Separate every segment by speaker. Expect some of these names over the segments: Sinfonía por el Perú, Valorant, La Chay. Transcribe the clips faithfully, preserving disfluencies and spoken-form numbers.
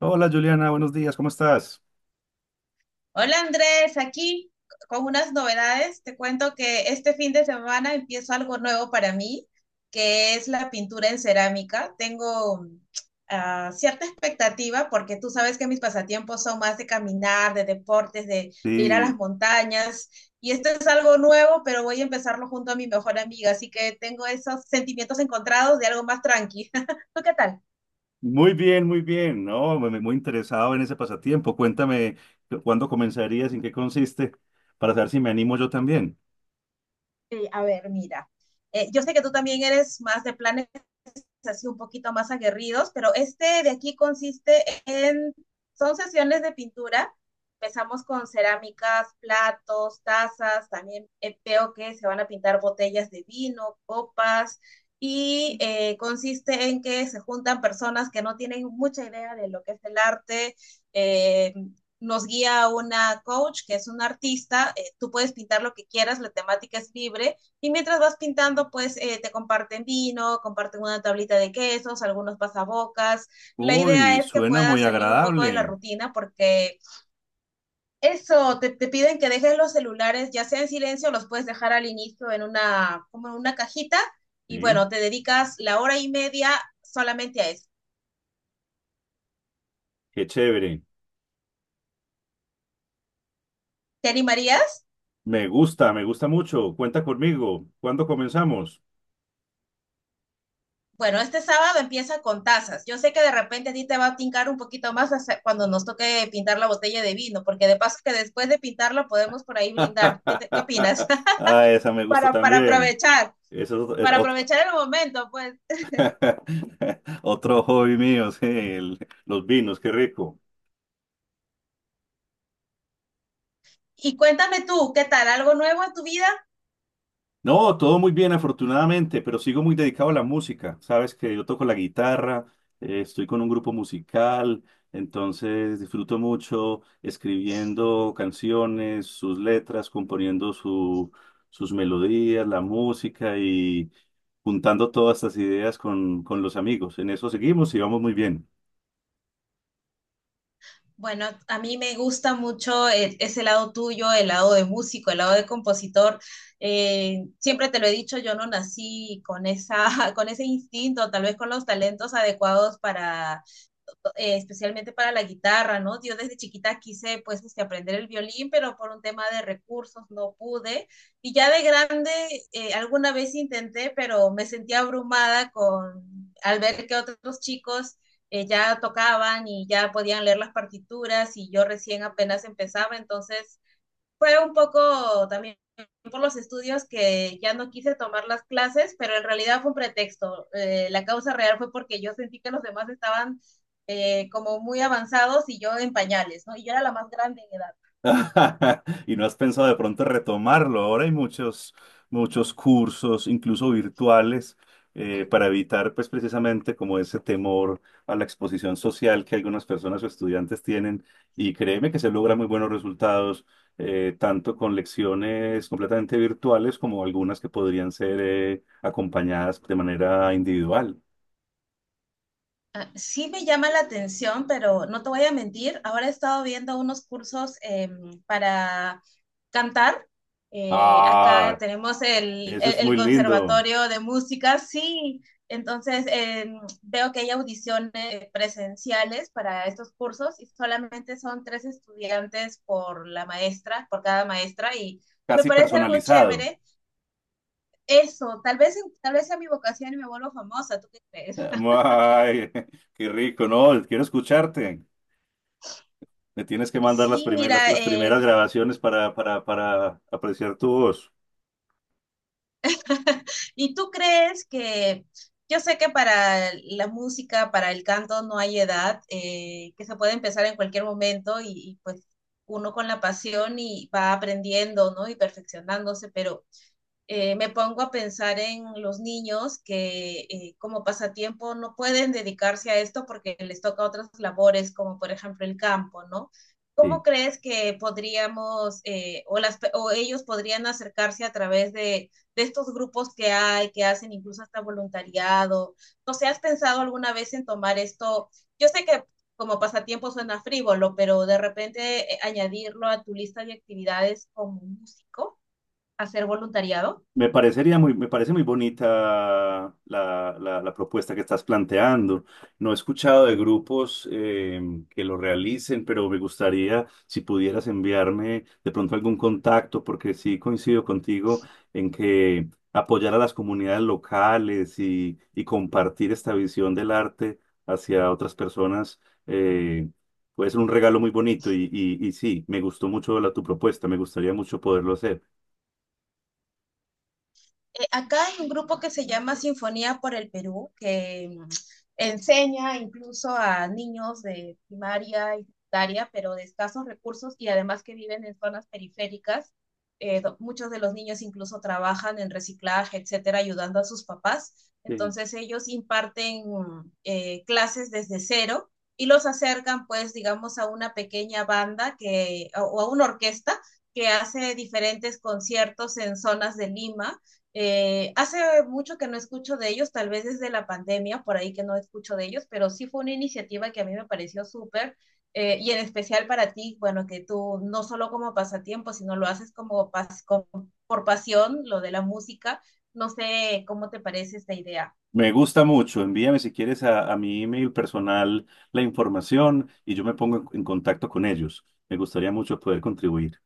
Speaker 1: Hola Juliana, buenos días, ¿cómo estás?
Speaker 2: Hola Andrés, aquí con unas novedades. Te cuento que este fin de semana empiezo algo nuevo para mí, que es la pintura en cerámica. Tengo mm, ah, cierta expectativa porque tú sabes que mis pasatiempos son más de caminar, de deportes, de, de ir a las
Speaker 1: Sí,
Speaker 2: montañas. Y esto es algo nuevo, pero voy a empezarlo junto a mi mejor amiga, así que tengo esos sentimientos encontrados de algo más tranqui. ¿Tú qué tal?
Speaker 1: muy bien, muy bien, ¿no? Muy, muy interesado en ese pasatiempo. Cuéntame cu- cuándo comenzarías, en qué consiste, para saber si me animo yo también.
Speaker 2: Sí, a ver, mira. Eh, yo sé que tú también eres más de planes así un poquito más aguerridos, pero este de aquí consiste en, son sesiones de pintura, empezamos con cerámicas, platos, tazas, también eh, veo que se van a pintar botellas de vino, copas, y eh, consiste en que se juntan personas que no tienen mucha idea de lo que es el arte. Eh, Nos guía una coach que es un artista, eh, tú puedes pintar lo que quieras, la temática es libre y mientras vas pintando, pues eh, te comparten vino, comparten una tablita de quesos, algunos pasabocas. La idea
Speaker 1: Uy,
Speaker 2: es que
Speaker 1: suena muy
Speaker 2: puedas salir un poco de la
Speaker 1: agradable.
Speaker 2: rutina porque eso, te, te piden que dejes los celulares, ya sea en silencio, los puedes dejar al inicio en una, como en una cajita. Y
Speaker 1: Sí,
Speaker 2: bueno, te dedicas la hora y media solamente a eso.
Speaker 1: qué chévere.
Speaker 2: ¿Te animarías?
Speaker 1: Me gusta, me gusta mucho. Cuenta conmigo. ¿Cuándo comenzamos?
Speaker 2: Bueno, este sábado empieza con tazas. Yo sé que de repente a ti te va a tincar un poquito más hasta cuando nos toque pintar la botella de vino, porque de paso que después de pintarla podemos por ahí brindar. ¿Qué, te, qué opinas?
Speaker 1: Ah, esa me gusta
Speaker 2: para, para
Speaker 1: también.
Speaker 2: aprovechar,
Speaker 1: Eso es
Speaker 2: para
Speaker 1: otro,
Speaker 2: aprovechar el momento, pues.
Speaker 1: otro hobby mío, sí, el- los vinos, qué rico.
Speaker 2: Y cuéntame tú, ¿qué tal? ¿Algo nuevo en tu vida?
Speaker 1: No, todo muy bien, afortunadamente, pero sigo muy dedicado a la música. Sabes que yo toco la guitarra, eh, estoy con un grupo musical, entonces disfruto mucho escribiendo canciones, sus letras, componiendo su- sus melodías, la música y juntando todas estas ideas con, con los amigos. En eso seguimos y vamos muy bien.
Speaker 2: Bueno, a mí me gusta mucho eh, ese lado tuyo, el lado de músico, el lado de compositor. Eh, siempre te lo he dicho, yo no nací con, esa, con ese instinto, tal vez con los talentos adecuados para eh, especialmente para la guitarra, ¿no? Yo desde chiquita quise, pues, este, aprender el violín, pero por un tema de recursos no pude. Y ya de grande, eh, alguna vez intenté, pero me sentía abrumada con, al ver que otros chicos eh, ya tocaban y ya podían leer las partituras y yo recién apenas empezaba, entonces fue un poco también por los estudios que ya no quise tomar las clases, pero en realidad fue un pretexto. Eh, la causa real fue porque yo sentí que los demás estaban eh, como muy avanzados y yo en pañales, ¿no? Y yo era la más grande en edad.
Speaker 1: Y no has pensado de pronto retomarlo. Ahora hay muchos, muchos cursos, incluso virtuales, eh, para evitar, pues, precisamente como ese temor a la exposición social que algunas personas o estudiantes tienen. Y créeme que se logran muy buenos resultados, eh, tanto con lecciones completamente virtuales como algunas que podrían ser, eh, acompañadas de manera individual.
Speaker 2: Ah, sí me llama la atención, pero no te voy a mentir, ahora he estado viendo unos cursos em, para cantar. Eh, acá
Speaker 1: Ah,
Speaker 2: tenemos el,
Speaker 1: eso
Speaker 2: el-
Speaker 1: es
Speaker 2: el
Speaker 1: muy lindo,
Speaker 2: conservatorio de música, sí. Entonces em, veo que hay audiciones eh, presenciales para estos cursos y solamente son tres estudiantes por la maestra, por cada maestra y me
Speaker 1: casi
Speaker 2: parece algo
Speaker 1: personalizado.
Speaker 2: chévere. Eso, tal vez, tal vez sea mi vocación y me vuelvo famosa, ¿tú qué crees?
Speaker 1: Ay, qué rico, no, quiero escucharte. Me tienes que mandar las
Speaker 2: Sí,
Speaker 1: primeras,
Speaker 2: mira,
Speaker 1: las
Speaker 2: eh,
Speaker 1: primeras grabaciones para, para, para apreciar tu voz.
Speaker 2: ¿Y tú crees que, yo sé que para la música, para el canto no hay edad, eh, que se puede empezar en cualquier momento y, y pues uno con la pasión y va aprendiendo, ¿no? Y perfeccionándose, pero eh, me pongo a pensar en los niños que eh, como pasatiempo no pueden dedicarse a esto porque les toca otras labores, como por ejemplo el campo, ¿no? ¿Cómo
Speaker 1: Sí.
Speaker 2: crees que podríamos eh, o, las, o ellos podrían acercarse a través de, de estos grupos que hay, que hacen incluso hasta voluntariado? No sé, ¿has pensado alguna vez en tomar esto? Yo sé que como pasatiempo suena frívolo, pero de repente eh, añadirlo a tu lista de actividades como músico, hacer voluntariado.
Speaker 1: Me parecería muy, me parece muy bonita la, la- la propuesta que estás planteando. No he escuchado de grupos eh, que lo realicen, pero me gustaría si pudieras enviarme de pronto algún contacto, porque sí coincido contigo en que apoyar a las comunidades locales y, y compartir esta visión del arte hacia otras personas eh, puede ser un regalo muy bonito y, y, y sí, me gustó mucho la, tu propuesta, me gustaría mucho poderlo hacer.
Speaker 2: Eh, acá hay un grupo que se llama Sinfonía por el Perú, que mm, enseña incluso a niños de primaria y secundaria, pero de escasos recursos y además que viven en zonas periféricas. Eh, do- muchos de los niños incluso trabajan en reciclaje, etcétera, ayudando a sus papás.
Speaker 1: Sí.
Speaker 2: Entonces ellos imparten mm, eh, clases desde cero y los acercan, pues, digamos, a una pequeña banda que, o o a una orquesta que hace diferentes conciertos en zonas de Lima eh, hace mucho que no escucho de ellos, tal vez desde la pandemia, por ahí que no escucho de ellos, pero sí fue una iniciativa que a mí me pareció súper eh, y en especial para ti, bueno, que tú no solo como pasatiempo, sino lo haces como pas- como por pasión, lo de la música. No sé cómo te parece esta idea.
Speaker 1: Me gusta mucho. Envíame si quieres a, a mi email personal la información y yo me pongo en, en contacto con ellos. Me gustaría mucho poder contribuir.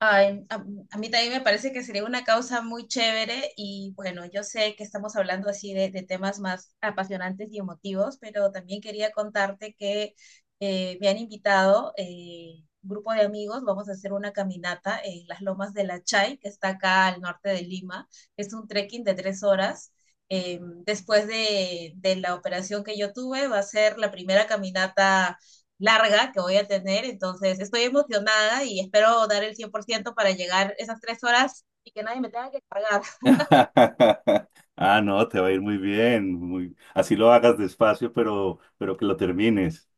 Speaker 2: Ay, a, a mí también me parece que sería una causa muy chévere y bueno, yo sé que estamos hablando así de, de temas más apasionantes y emotivos, pero también quería contarte que eh, me han invitado eh, un grupo de amigos, vamos a hacer una caminata en las lomas de La Chay, que está acá al norte de Lima. Es un trekking de tres horas. Eh, Después de, de la operación que yo tuve, va a ser la primera caminata larga que voy a tener, entonces estoy emocionada y espero dar el cien por ciento para llegar esas tres horas y que nadie me tenga que cargar.
Speaker 1: Ah, no, te va a ir muy bien. Muy... Así lo hagas despacio, pero, pero que lo termines.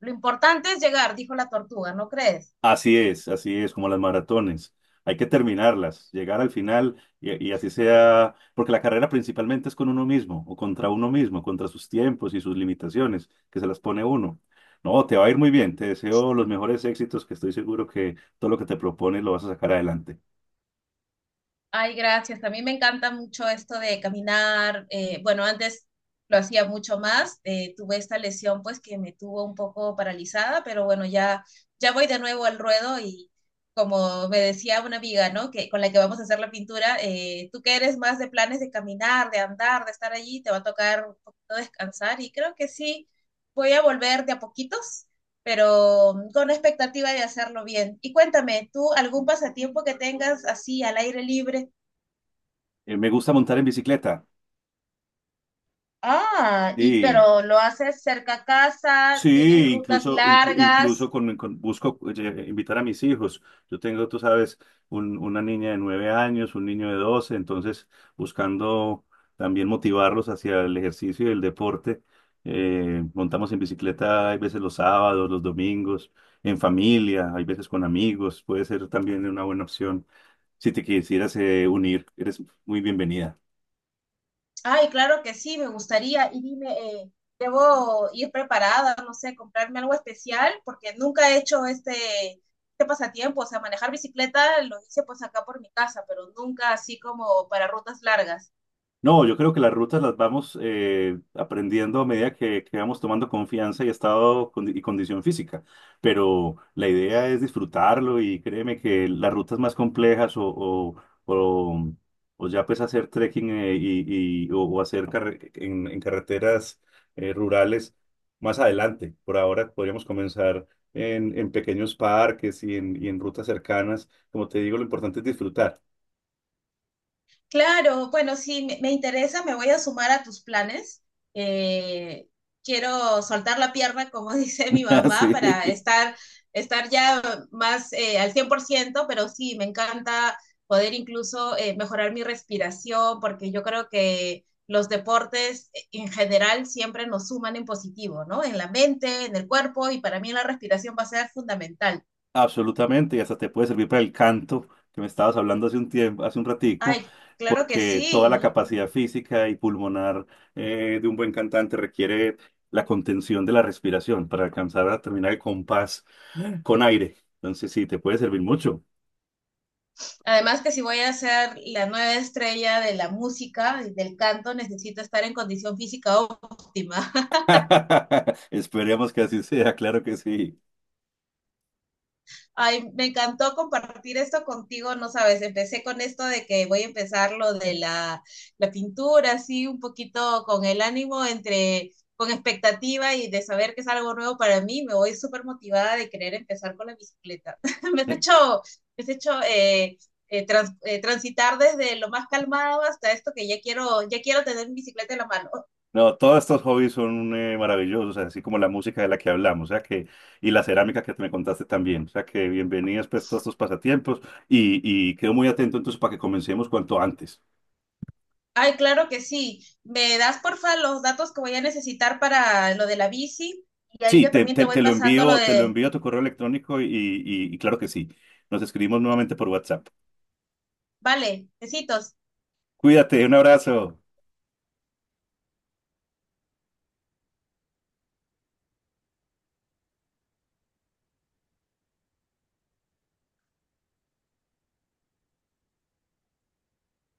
Speaker 2: Lo importante es llegar, dijo la tortuga, ¿no crees?
Speaker 1: Así es, así es, como las maratones. Hay que terminarlas, llegar al final y, y así sea, porque la carrera principalmente es con uno mismo o contra uno mismo, contra sus tiempos y sus limitaciones que se las pone uno. No, te va a ir muy bien, te deseo los mejores éxitos, que estoy seguro que todo lo que te propones lo vas a sacar adelante.
Speaker 2: Ay, gracias. A mí me encanta mucho esto de caminar. Eh, bueno, antes lo hacía mucho más. Eh, tuve esta lesión pues que me tuvo un poco paralizada, pero bueno, ya, ya voy de nuevo al ruedo y como me decía una amiga, ¿no? Que con la que vamos a hacer la pintura, eh, tú que eres más de planes de caminar, de andar, de estar allí, te va a tocar un poquito descansar y creo que sí, voy a volver de a poquitos. Pero mm, con la expectativa de hacerlo bien. Y cuéntame, ¿tú algún pasatiempo que tengas así al aire libre?
Speaker 1: Eh, me gusta montar en bicicleta,
Speaker 2: Ah, y
Speaker 1: sí,
Speaker 2: pero lo haces cerca a casa, tienes
Speaker 1: Sí,
Speaker 2: rutas
Speaker 1: incluso, inclu- incluso
Speaker 2: largas.
Speaker 1: con, con- busco eh, invitar a mis hijos. Yo tengo, tú sabes, un- una niña de nueve años, un niño de doce, entonces buscando también motivarlos hacia el ejercicio y el deporte. Eh, montamos en bicicleta, hay veces los sábados, los domingos, en familia, hay veces con amigos, puede ser también una buena opción. Si te quisieras eh, unir, eres muy bienvenida.
Speaker 2: Ay, claro que sí, me gustaría. Y dime, eh, ¿debo ir preparada, no sé, comprarme algo especial? Porque nunca he hecho este, este pasatiempo, o sea, manejar bicicleta lo hice pues acá por mi casa, pero nunca así como para rutas largas.
Speaker 1: No, yo creo que las rutas las vamos eh, aprendiendo a medida que, que vamos tomando confianza y estado condi- y condición física. Pero la idea es disfrutarlo y créeme que las rutas más complejas o, o, o- o ya pues hacer trekking eh, y, y- o, o hacer carre- en, en carreteras eh, rurales más adelante. Por ahora podríamos comenzar en, en pequeños parques y en, y en rutas cercanas. Como te digo, lo importante es disfrutar.
Speaker 2: Claro, bueno, si me me interesa, me voy a sumar a tus planes. Eh, Quiero soltar la pierna, como dice mi mamá, para
Speaker 1: Sí.
Speaker 2: estar, estar ya más eh, al cien por ciento. Pero sí, me encanta poder incluso eh, mejorar mi respiración, porque yo creo que los deportes eh, en general siempre nos suman en positivo, ¿no? En la mente, en el cuerpo, y para mí la respiración va a ser fundamental.
Speaker 1: Absolutamente, y hasta te puede servir para el canto que me estabas hablando hace un tiempo, hace un ratico,
Speaker 2: Ay, claro que
Speaker 1: porque toda la
Speaker 2: sí,
Speaker 1: capacidad física y pulmonar eh, de un buen cantante requiere la contención de la respiración para alcanzar a terminar el compás con aire. Entonces sí, te puede servir mucho.
Speaker 2: además que si voy a ser la nueva estrella de la música y del canto, necesito estar en condición física óptima.
Speaker 1: Esperemos que así sea, claro que sí.
Speaker 2: Ay, me encantó compartir esto contigo, no sabes, empecé con esto de que voy a empezar lo de la, la pintura, así un poquito con el ánimo entre, con expectativa y de saber que es algo nuevo para mí, me voy súper motivada de querer empezar con la bicicleta. Me has hecho, me has hecho eh, eh, trans, eh, transitar desde lo más calmado hasta esto que ya quiero, ya quiero tener mi bicicleta en la mano.
Speaker 1: No, todos estos hobbies son eh, maravillosos, así como la música de la que hablamos, o sea que, y la cerámica que me contaste también, o sea que bienvenidas pues todos estos pasatiempos y, y quedo muy atento entonces para que comencemos cuanto antes.
Speaker 2: Ay, claro que sí. Me das porfa los datos que voy a necesitar para lo de la bici y ahí
Speaker 1: Sí,
Speaker 2: yo
Speaker 1: te,
Speaker 2: también te
Speaker 1: te,
Speaker 2: voy
Speaker 1: te lo
Speaker 2: pasando lo
Speaker 1: envío, te lo
Speaker 2: de,
Speaker 1: envío a tu correo electrónico y, y y claro que sí, nos escribimos nuevamente por WhatsApp.
Speaker 2: vale, besitos.
Speaker 1: Cuídate, un abrazo.